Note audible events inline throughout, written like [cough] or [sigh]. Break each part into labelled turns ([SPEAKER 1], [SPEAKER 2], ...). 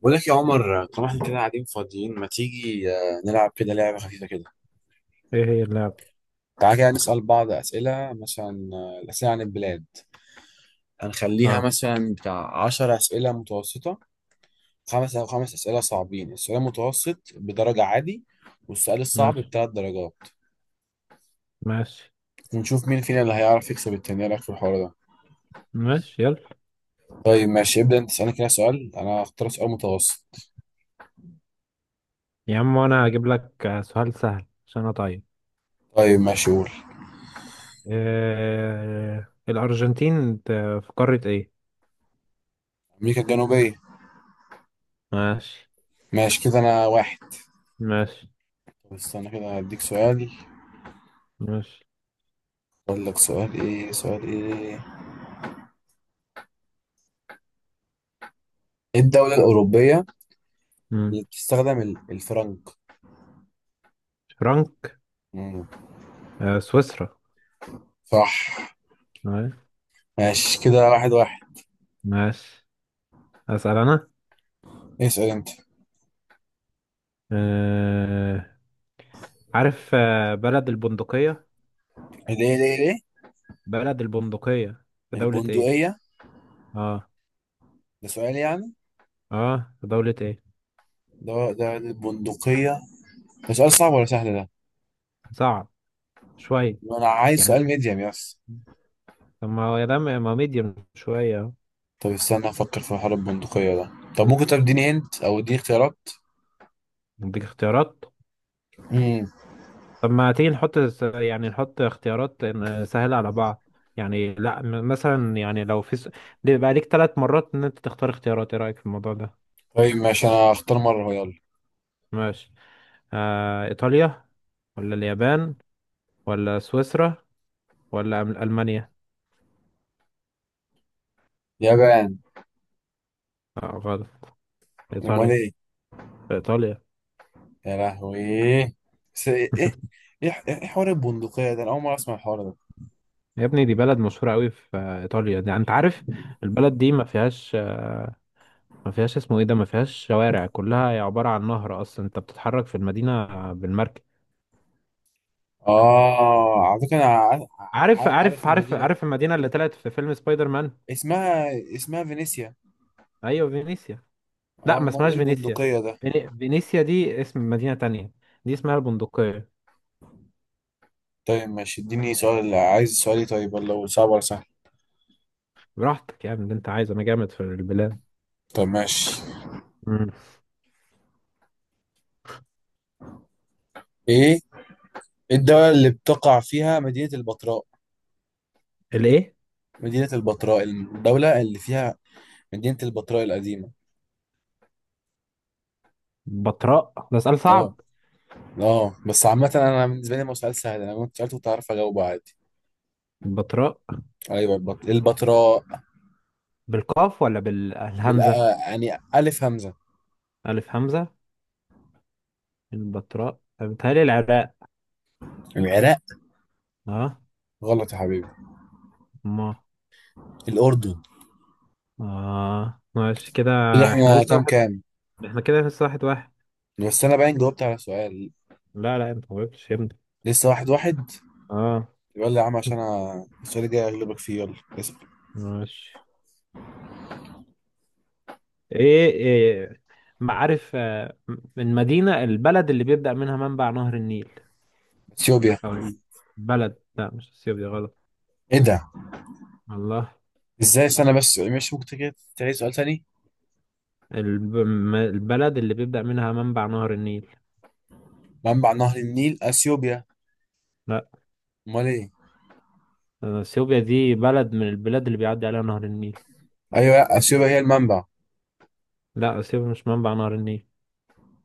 [SPEAKER 1] بقول لك يا عمر، طالما احنا كده قاعدين فاضيين ما تيجي نلعب كده لعبة خفيفة كده.
[SPEAKER 2] ايه هي اللعبة؟
[SPEAKER 1] تعالى كده نسأل بعض أسئلة، مثلا الأسئلة عن البلاد. هنخليها
[SPEAKER 2] اه.
[SPEAKER 1] مثلا بتاع عشر أسئلة متوسطة. خمس أو خمس أسئلة صعبين، السؤال المتوسط بدرجة عادي، والسؤال الصعب
[SPEAKER 2] ماشي،
[SPEAKER 1] بتلات درجات.
[SPEAKER 2] ماشي،
[SPEAKER 1] ونشوف مين فينا اللي هيعرف يكسب التاني. إيه رأيك في الحوار ده؟
[SPEAKER 2] ماشي، يلا،
[SPEAKER 1] طيب ماشي، ابدأ أنت تسألني كده سؤال، أنا هختار سؤال متوسط.
[SPEAKER 2] يا عم انا هجيب لك سؤال سهل عشان اطيب.
[SPEAKER 1] طيب ماشي قول.
[SPEAKER 2] إيه الارجنتين في قارة ايه؟
[SPEAKER 1] أمريكا الجنوبية.
[SPEAKER 2] ماشي.
[SPEAKER 1] ماشي كده، أنا واحد.
[SPEAKER 2] ماشي.
[SPEAKER 1] طب استنى كده هديك سؤال.
[SPEAKER 2] ماشي.
[SPEAKER 1] اقول لك سؤال ايه، سؤال ايه. ايه الدولة الأوروبية
[SPEAKER 2] مم.
[SPEAKER 1] اللي بتستخدم الفرنك؟
[SPEAKER 2] فرانك.
[SPEAKER 1] مم.
[SPEAKER 2] آه، سويسرا.
[SPEAKER 1] صح.
[SPEAKER 2] آه.
[SPEAKER 1] ماشي كده، واحد واحد.
[SPEAKER 2] ماشي. اسأل انا.
[SPEAKER 1] اسأل انت.
[SPEAKER 2] آه. عارف بلد البندقية؟
[SPEAKER 1] ليه ليه ليه؟
[SPEAKER 2] بلد البندقية في دولة ايه؟
[SPEAKER 1] البندقية.
[SPEAKER 2] اه.
[SPEAKER 1] ده سؤال يعني.
[SPEAKER 2] اه، في دولة ايه؟
[SPEAKER 1] ده البندقية. ده سؤال صعب ولا سهل ده؟
[SPEAKER 2] صعب. شوية.
[SPEAKER 1] انا عايز سؤال
[SPEAKER 2] يعني.
[SPEAKER 1] ميديم يس.
[SPEAKER 2] طب ما هو يا ده ما ميديوم شوية أهو.
[SPEAKER 1] طب استنى افكر في حوار البندقية ده. طب ممكن تديني هنت او اديني اختيارات.
[SPEAKER 2] اديك اختيارات؟
[SPEAKER 1] امم.
[SPEAKER 2] طب ما تيجي نحط يعني نحط اختيارات سهلة على بعض. يعني لا، مثلا يعني لو في ليه بقى ليك 3 مرات ان انت تختار اختيارات؟ ايه رأيك في الموضوع ده؟
[SPEAKER 1] طيب ماشي، انا هختار مرة، هو يلا.
[SPEAKER 2] ماشي. آه، ايطاليا، ولا اليابان، ولا سويسرا، ولا المانيا؟
[SPEAKER 1] يابان.
[SPEAKER 2] آه، غلط.
[SPEAKER 1] امال
[SPEAKER 2] ايطاليا.
[SPEAKER 1] ايه؟
[SPEAKER 2] ايطاليا.
[SPEAKER 1] يا لهوي. بس ايه ايه؟
[SPEAKER 2] [laughs]
[SPEAKER 1] إيه حوار البندقية ده؟ انا اول مرة اسمع الحوار ده.
[SPEAKER 2] يا ابني دي بلد مشهورة قوي في ايطاليا، دي انت عارف. البلد دي ما فيهاش ما فيهاش، اسمه ايه ده، ما فيهاش شوارع، كلها هي عبارة عن نهر اصلا، انت بتتحرك في المدينة بالمركب.
[SPEAKER 1] اه، على فكرة انا
[SPEAKER 2] عارف،
[SPEAKER 1] عارف. عارف
[SPEAKER 2] عارف، عارف،
[SPEAKER 1] المدينة.
[SPEAKER 2] عارف المدينة اللي طلعت في فيلم سبايدر مان.
[SPEAKER 1] اسمها. اسمها فينيسيا.
[SPEAKER 2] ايوه، فينيسيا. لا،
[SPEAKER 1] اه،
[SPEAKER 2] ما
[SPEAKER 1] امال ايه
[SPEAKER 2] اسمهاش فينيسيا.
[SPEAKER 1] البندقية ده؟
[SPEAKER 2] فينيسيا دي اسم مدينة تانية. دي اسمها البندقية.
[SPEAKER 1] طيب ماشي اديني سؤال، عايز سؤالي طيب ولا هو صعب ولا سهل؟
[SPEAKER 2] براحتك يا ابني، اللي انت عايزه، انا جامد في البلاد.
[SPEAKER 1] طب ماشي.
[SPEAKER 2] مم.
[SPEAKER 1] ايه؟ إيه الدولة اللي بتقع فيها مدينة البتراء؟
[SPEAKER 2] الايه؟
[SPEAKER 1] مدينة البتراء، الدولة اللي فيها. مدينة البتراء القديمة.
[SPEAKER 2] بطراء؟ ده سؤال
[SPEAKER 1] اه.
[SPEAKER 2] صعب.
[SPEAKER 1] اه، بس عامة انا بالنسبة لي ما هو سؤال سهل، انا كنت سألته كنت عارف اجاوبه عادي.
[SPEAKER 2] البطراء.
[SPEAKER 1] ايوه البتراء.
[SPEAKER 2] بالقاف ولا
[SPEAKER 1] بال
[SPEAKER 2] بالهمزة؟
[SPEAKER 1] آه، يعني ألف همزة.
[SPEAKER 2] الف همزة. البطراء بتهيألي العراق.
[SPEAKER 1] العراق؟
[SPEAKER 2] اه.
[SPEAKER 1] غلط يا حبيبي.
[SPEAKER 2] ما.
[SPEAKER 1] الأردن.
[SPEAKER 2] اه، ماشي كده.
[SPEAKER 1] كده
[SPEAKER 2] احنا
[SPEAKER 1] احنا
[SPEAKER 2] لسه
[SPEAKER 1] كام
[SPEAKER 2] واحد.
[SPEAKER 1] كام؟
[SPEAKER 2] احنا كده لسه 1-1.
[SPEAKER 1] بس أنا باين جاوبت على سؤال.
[SPEAKER 2] لا، لا، انت ما جاوبتش يا ابني.
[SPEAKER 1] لسه واحد واحد.
[SPEAKER 2] اه.
[SPEAKER 1] يلا يا عم، عشان أنا السؤال الجاي أغلبك فيه. يلا. اسأل.
[SPEAKER 2] ماشي. إيه. معارف البلد اللي بيبدأ منها منبع نهر النيل؟
[SPEAKER 1] أثيوبيا.
[SPEAKER 2] او البلد، لا مش السيوف، دي غلط.
[SPEAKER 1] إيه ده؟
[SPEAKER 2] الله.
[SPEAKER 1] إزاي؟ استنى بس، مش ممكن كده تعيد سؤال تاني؟
[SPEAKER 2] البلد اللي بيبدأ منها منبع نهر النيل؟
[SPEAKER 1] منبع نهر النيل أثيوبيا.
[SPEAKER 2] لا.
[SPEAKER 1] أمال إيه؟
[SPEAKER 2] اثيوبيا دي بلد من البلاد اللي بيعدي عليها نهر النيل.
[SPEAKER 1] أيوه، لا، أثيوبيا هي المنبع.
[SPEAKER 2] لا، اثيوبيا مش منبع نهر النيل.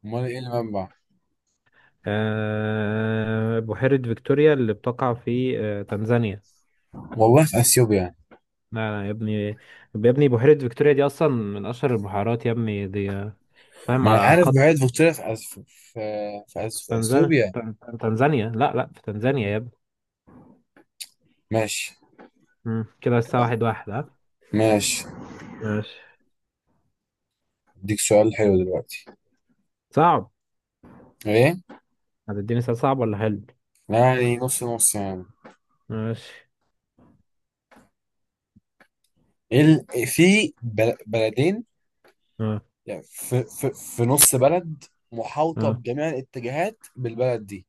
[SPEAKER 1] أمال إيه المنبع؟
[SPEAKER 2] بحيرة فيكتوريا اللي بتقع في تنزانيا.
[SPEAKER 1] والله في أثيوبيا.
[SPEAKER 2] لا، لا، يا ابني، يا ابني بحيرة فيكتوريا دي أصلا من أشهر البحيرات يا ابني، دي فاهم
[SPEAKER 1] ما أنا
[SPEAKER 2] على
[SPEAKER 1] عارف
[SPEAKER 2] خط.
[SPEAKER 1] بعيد فيكتوريا في في، في
[SPEAKER 2] تنزانيا
[SPEAKER 1] أثيوبيا.
[SPEAKER 2] تنزانيا. لا، لا، في تنزانيا يا ابني.
[SPEAKER 1] ماشي.
[SPEAKER 2] مم. كده الساعة 1-1، ها؟
[SPEAKER 1] ماشي.
[SPEAKER 2] ماشي.
[SPEAKER 1] أديك سؤال حلو دلوقتي.
[SPEAKER 2] صعب؟
[SPEAKER 1] إيه؟
[SPEAKER 2] هتديني سؤال صعب ولا حلو؟
[SPEAKER 1] يعني نص نص يعني.
[SPEAKER 2] ماشي.
[SPEAKER 1] إيه إيه في بلدين،
[SPEAKER 2] اه.
[SPEAKER 1] يعني في... نص بلد محاوطة
[SPEAKER 2] اه،
[SPEAKER 1] بجميع الاتجاهات بالبلد دي.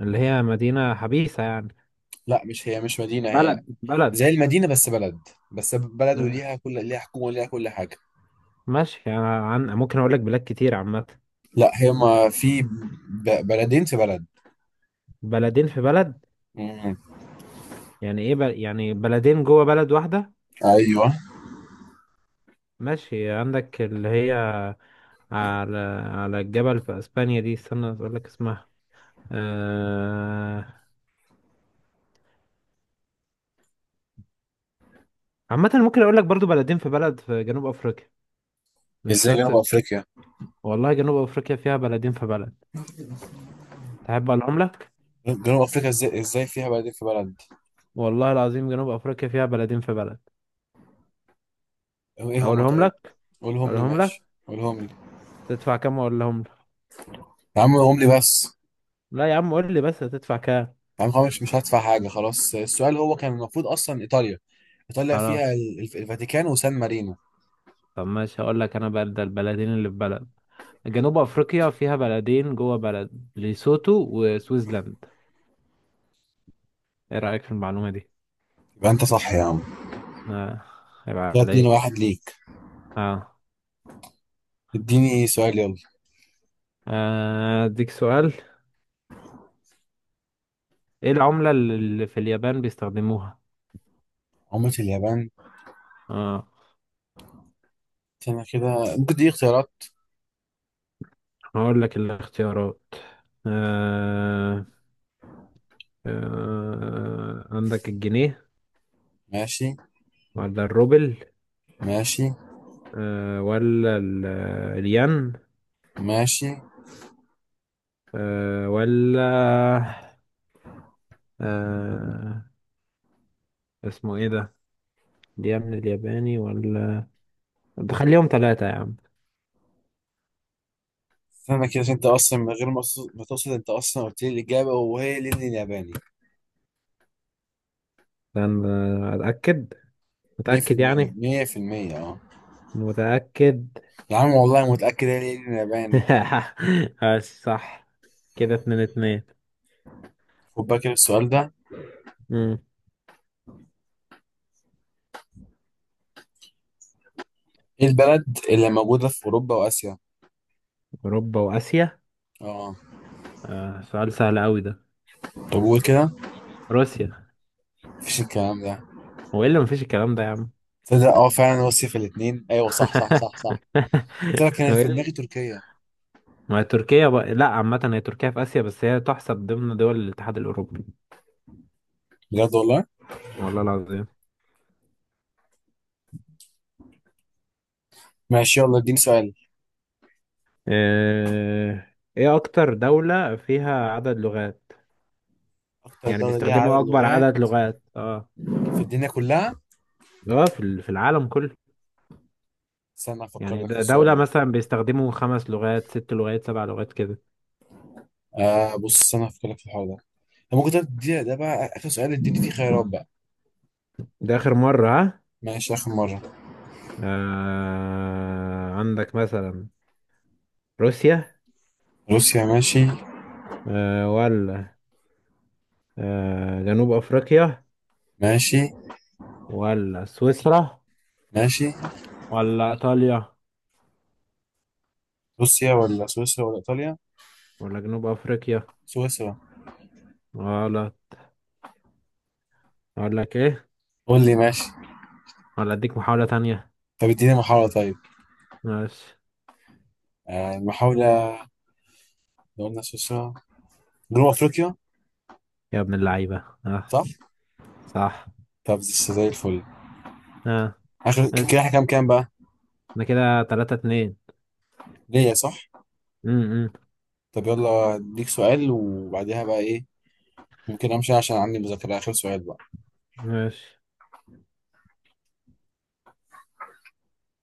[SPEAKER 2] اللي هي مدينة حبيسة يعني.
[SPEAKER 1] لا، مش مدينة هي.
[SPEAKER 2] بلد، بلد.
[SPEAKER 1] زي المدينة بس بلد. بس بلد،
[SPEAKER 2] آه.
[SPEAKER 1] وليها ليها حكومة، وليها كل حاجة.
[SPEAKER 2] ماشي، يعني عن ممكن أقول لك بلاد كتير عامة.
[SPEAKER 1] لا هي ما في بلدين في بلد.
[SPEAKER 2] بلدين في بلد.
[SPEAKER 1] مم.
[SPEAKER 2] يعني إيه يعني بلدين جوه بلد واحدة؟
[SPEAKER 1] ايوه.
[SPEAKER 2] ماشي، عندك اللي هي على على الجبل في اسبانيا، دي استنى اقول لك اسمها. آه... عامة ممكن اقول لك برضو بلدين في بلد في جنوب افريقيا. مش
[SPEAKER 1] ازاي
[SPEAKER 2] شرط
[SPEAKER 1] جنوب افريقيا؟
[SPEAKER 2] والله جنوب افريقيا فيها بلدين في بلد. تحب اقولهم لك؟
[SPEAKER 1] جنوب افريقيا ازاي فيها بلدين في بلد؟
[SPEAKER 2] والله العظيم جنوب افريقيا فيها بلدين في بلد.
[SPEAKER 1] ايه هم
[SPEAKER 2] اقولهم
[SPEAKER 1] طيب؟
[SPEAKER 2] لك.
[SPEAKER 1] قولهم لي
[SPEAKER 2] اقولهم لك.
[SPEAKER 1] ماشي، قولهم لي.
[SPEAKER 2] تدفع كام اقولهم لك؟
[SPEAKER 1] يا عم قولهم لي بس.
[SPEAKER 2] لا يا عم، قول لي بس هتدفع كام؟
[SPEAKER 1] يعني خلاص مش هدفع حاجة. خلاص، السؤال هو كان المفروض أصلا إيطاليا. إيطاليا فيها
[SPEAKER 2] خلاص.
[SPEAKER 1] الفاتيكان وسان مارينو.
[SPEAKER 2] طب ماشي، هقول لك انا بقى ده البلدين اللي في بلد. جنوب افريقيا فيها بلدين جوه بلد، ليسوتو وسويسلاند. ايه رايك في المعلومه دي؟
[SPEAKER 1] يبقى أنت صح يا عم.
[SPEAKER 2] اه. هيبقى
[SPEAKER 1] كده اتنين
[SPEAKER 2] عليك.
[SPEAKER 1] واحد ليك.
[SPEAKER 2] اه.
[SPEAKER 1] اديني سؤال يلا.
[SPEAKER 2] اديك سؤال. ايه العمله اللي في اليابان بيستخدموها؟
[SPEAKER 1] عملة اليابان.
[SPEAKER 2] اه.
[SPEAKER 1] استنى كده، ممكن تديني اختيارات.
[SPEAKER 2] هقول لك الاختيارات. آه. آه، عندك الجنيه،
[SPEAKER 1] ماشي.
[SPEAKER 2] ولا الروبل،
[SPEAKER 1] ماشي.
[SPEAKER 2] آه، ولا الين،
[SPEAKER 1] ماشي.
[SPEAKER 2] آه، ولا آه، اسمه ايه ده، دي يا ابن الياباني، ولا بخليهم ثلاثة يا عم؟
[SPEAKER 1] استنى كده، عشان أنت أصلا من غير ما تقصد أنت أصلا قلت لي الإجابة، وهي الين الياباني.
[SPEAKER 2] لأن أتأكد. متأكد
[SPEAKER 1] 100%
[SPEAKER 2] يعني؟
[SPEAKER 1] 100% أه.
[SPEAKER 2] متأكد؟
[SPEAKER 1] يا عم والله متأكد، هي الين الياباني.
[SPEAKER 2] [laughs] بس صح. كده 2-2.
[SPEAKER 1] خد بالك السؤال ده.
[SPEAKER 2] مم.
[SPEAKER 1] إيه البلد اللي موجودة في أوروبا وآسيا؟
[SPEAKER 2] أوروبا وآسيا؟
[SPEAKER 1] أه.
[SPEAKER 2] آه، سؤال سهل أوي ده.
[SPEAKER 1] طب قول كده.
[SPEAKER 2] روسيا.
[SPEAKER 1] مفيش الكلام ده.
[SPEAKER 2] هو إيه اللي مفيش الكلام ده يا عم؟
[SPEAKER 1] تصدق اه، فعلا هو الصيف الاثنين، ايوه صح صح صح
[SPEAKER 2] [laughs]
[SPEAKER 1] صح. قلت لك انا
[SPEAKER 2] هو إيه
[SPEAKER 1] في دماغي
[SPEAKER 2] اللي-
[SPEAKER 1] تركيا.
[SPEAKER 2] ما هي تركيا بقى. لا عامة هي تركيا في آسيا، بس هي تحسب ضمن دول الاتحاد الأوروبي.
[SPEAKER 1] بجد والله.
[SPEAKER 2] والله العظيم.
[SPEAKER 1] ماشي يلا، اديني سؤال.
[SPEAKER 2] آه، إيه أكتر دولة فيها عدد لغات؟
[SPEAKER 1] اكتر
[SPEAKER 2] يعني
[SPEAKER 1] دولة ليها عدد
[SPEAKER 2] بيستخدموا أكبر
[SPEAKER 1] لغات.
[SPEAKER 2] عدد لغات، اه.
[SPEAKER 1] في الدنيا كلها.
[SPEAKER 2] اه، في العالم كله.
[SPEAKER 1] استنى افكر
[SPEAKER 2] يعني
[SPEAKER 1] لك في
[SPEAKER 2] ده
[SPEAKER 1] السؤال
[SPEAKER 2] دولة
[SPEAKER 1] ده.
[SPEAKER 2] مثلا بيستخدموا 5 لغات، 6 لغات، 7 لغات، كده.
[SPEAKER 1] بص، استنى افكر لك في الحوار ده. طب ممكن تدي ده بقى اخر سؤال، اديني فيه خيارات بقى.
[SPEAKER 2] ده آخر مرة، ها؟
[SPEAKER 1] ماشي اخر مرة.
[SPEAKER 2] آه، عندك مثلا روسيا،
[SPEAKER 1] روسيا. ماشي.
[SPEAKER 2] آه، ولا آه جنوب أفريقيا،
[SPEAKER 1] ماشي.
[SPEAKER 2] ولا سويسرا،
[SPEAKER 1] ماشي.
[SPEAKER 2] ولا إيطاليا،
[SPEAKER 1] روسيا ولا سويسرا ولا ايطاليا؟
[SPEAKER 2] ولا جنوب أفريقيا،
[SPEAKER 1] سويسرا.
[SPEAKER 2] ولا أقول لك إيه،
[SPEAKER 1] قول لي ماشي.
[SPEAKER 2] ولا أديك محاولة تانية؟
[SPEAKER 1] طب اديني محاولة طيب.
[SPEAKER 2] ماشي.
[SPEAKER 1] المحاولة. لو قلنا سويسرا. جنوب افريقيا.
[SPEAKER 2] يا ابن اللعيبة، اه.
[SPEAKER 1] صح.
[SPEAKER 2] صح.
[SPEAKER 1] طب زي الفل.
[SPEAKER 2] اه.
[SPEAKER 1] اخر. كده
[SPEAKER 2] اسأل.
[SPEAKER 1] احنا كام كام بقى؟
[SPEAKER 2] ده كده 3-2.
[SPEAKER 1] ليا، صح.
[SPEAKER 2] م- م.
[SPEAKER 1] طب يلا اديك سؤال وبعديها بقى ايه. ممكن امشي عشان عندي مذاكره، اخر سؤال بقى.
[SPEAKER 2] ماشي.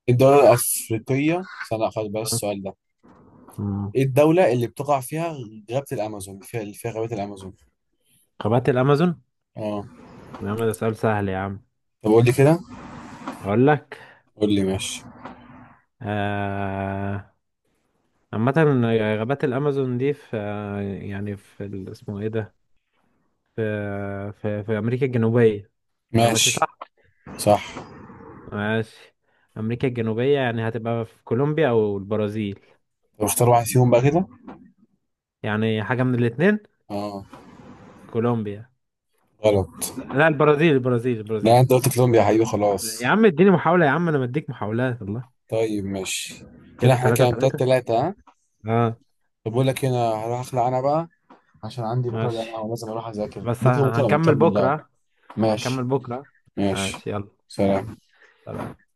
[SPEAKER 1] إيه الدوله الافريقيه، استنى لا، خلاص بلاش
[SPEAKER 2] آه.
[SPEAKER 1] السؤال ده.
[SPEAKER 2] م.
[SPEAKER 1] ايه الدوله اللي بتقع فيها غابه الامازون، فيها اللي فيها غابه الامازون.
[SPEAKER 2] قارات الأمازون؟
[SPEAKER 1] اه.
[SPEAKER 2] يا عم ده سؤال سهل يا عم.
[SPEAKER 1] طب قول لي كده.
[SPEAKER 2] اقول لك.
[SPEAKER 1] قول لي ماشي.
[SPEAKER 2] آه... عامة غابات الامازون دي في يعني في اسمه ايه ده، في في امريكا الجنوبية. انا ماشي
[SPEAKER 1] ماشي
[SPEAKER 2] صح؟
[SPEAKER 1] صح.
[SPEAKER 2] ماشي. امريكا الجنوبية يعني هتبقى في كولومبيا او البرازيل.
[SPEAKER 1] طب اختار واحد فيهم بقى كده.
[SPEAKER 2] يعني حاجة من الاتنين.
[SPEAKER 1] اه.
[SPEAKER 2] كولومبيا.
[SPEAKER 1] غلط.
[SPEAKER 2] لا، البرازيل، البرازيل، البرازيل.
[SPEAKER 1] لا، انت قلت كولومبيا يا حبيبي،
[SPEAKER 2] يا
[SPEAKER 1] خلاص.
[SPEAKER 2] عم اديني محاولة، يا عم انا مديك محاولات والله.
[SPEAKER 1] طيب ماشي. كده
[SPEAKER 2] كده
[SPEAKER 1] احنا
[SPEAKER 2] ثلاثة
[SPEAKER 1] كام؟ تلاتة
[SPEAKER 2] ثلاثة
[SPEAKER 1] تلاتة، ها؟
[SPEAKER 2] اه.
[SPEAKER 1] طب بقول لك، هنا هروح اخلع انا بقى. عشان عندي بكرة جامعة
[SPEAKER 2] ماشي.
[SPEAKER 1] ولازم أروح أذاكر
[SPEAKER 2] بس
[SPEAKER 1] بكرة. بكرة
[SPEAKER 2] هنكمل
[SPEAKER 1] بنكمل لعب.
[SPEAKER 2] بكرة.
[SPEAKER 1] ماشي.
[SPEAKER 2] هنكمل بكرة.
[SPEAKER 1] ماشي.
[SPEAKER 2] ماشي، يلا. يلا.
[SPEAKER 1] سلام.
[SPEAKER 2] سلام.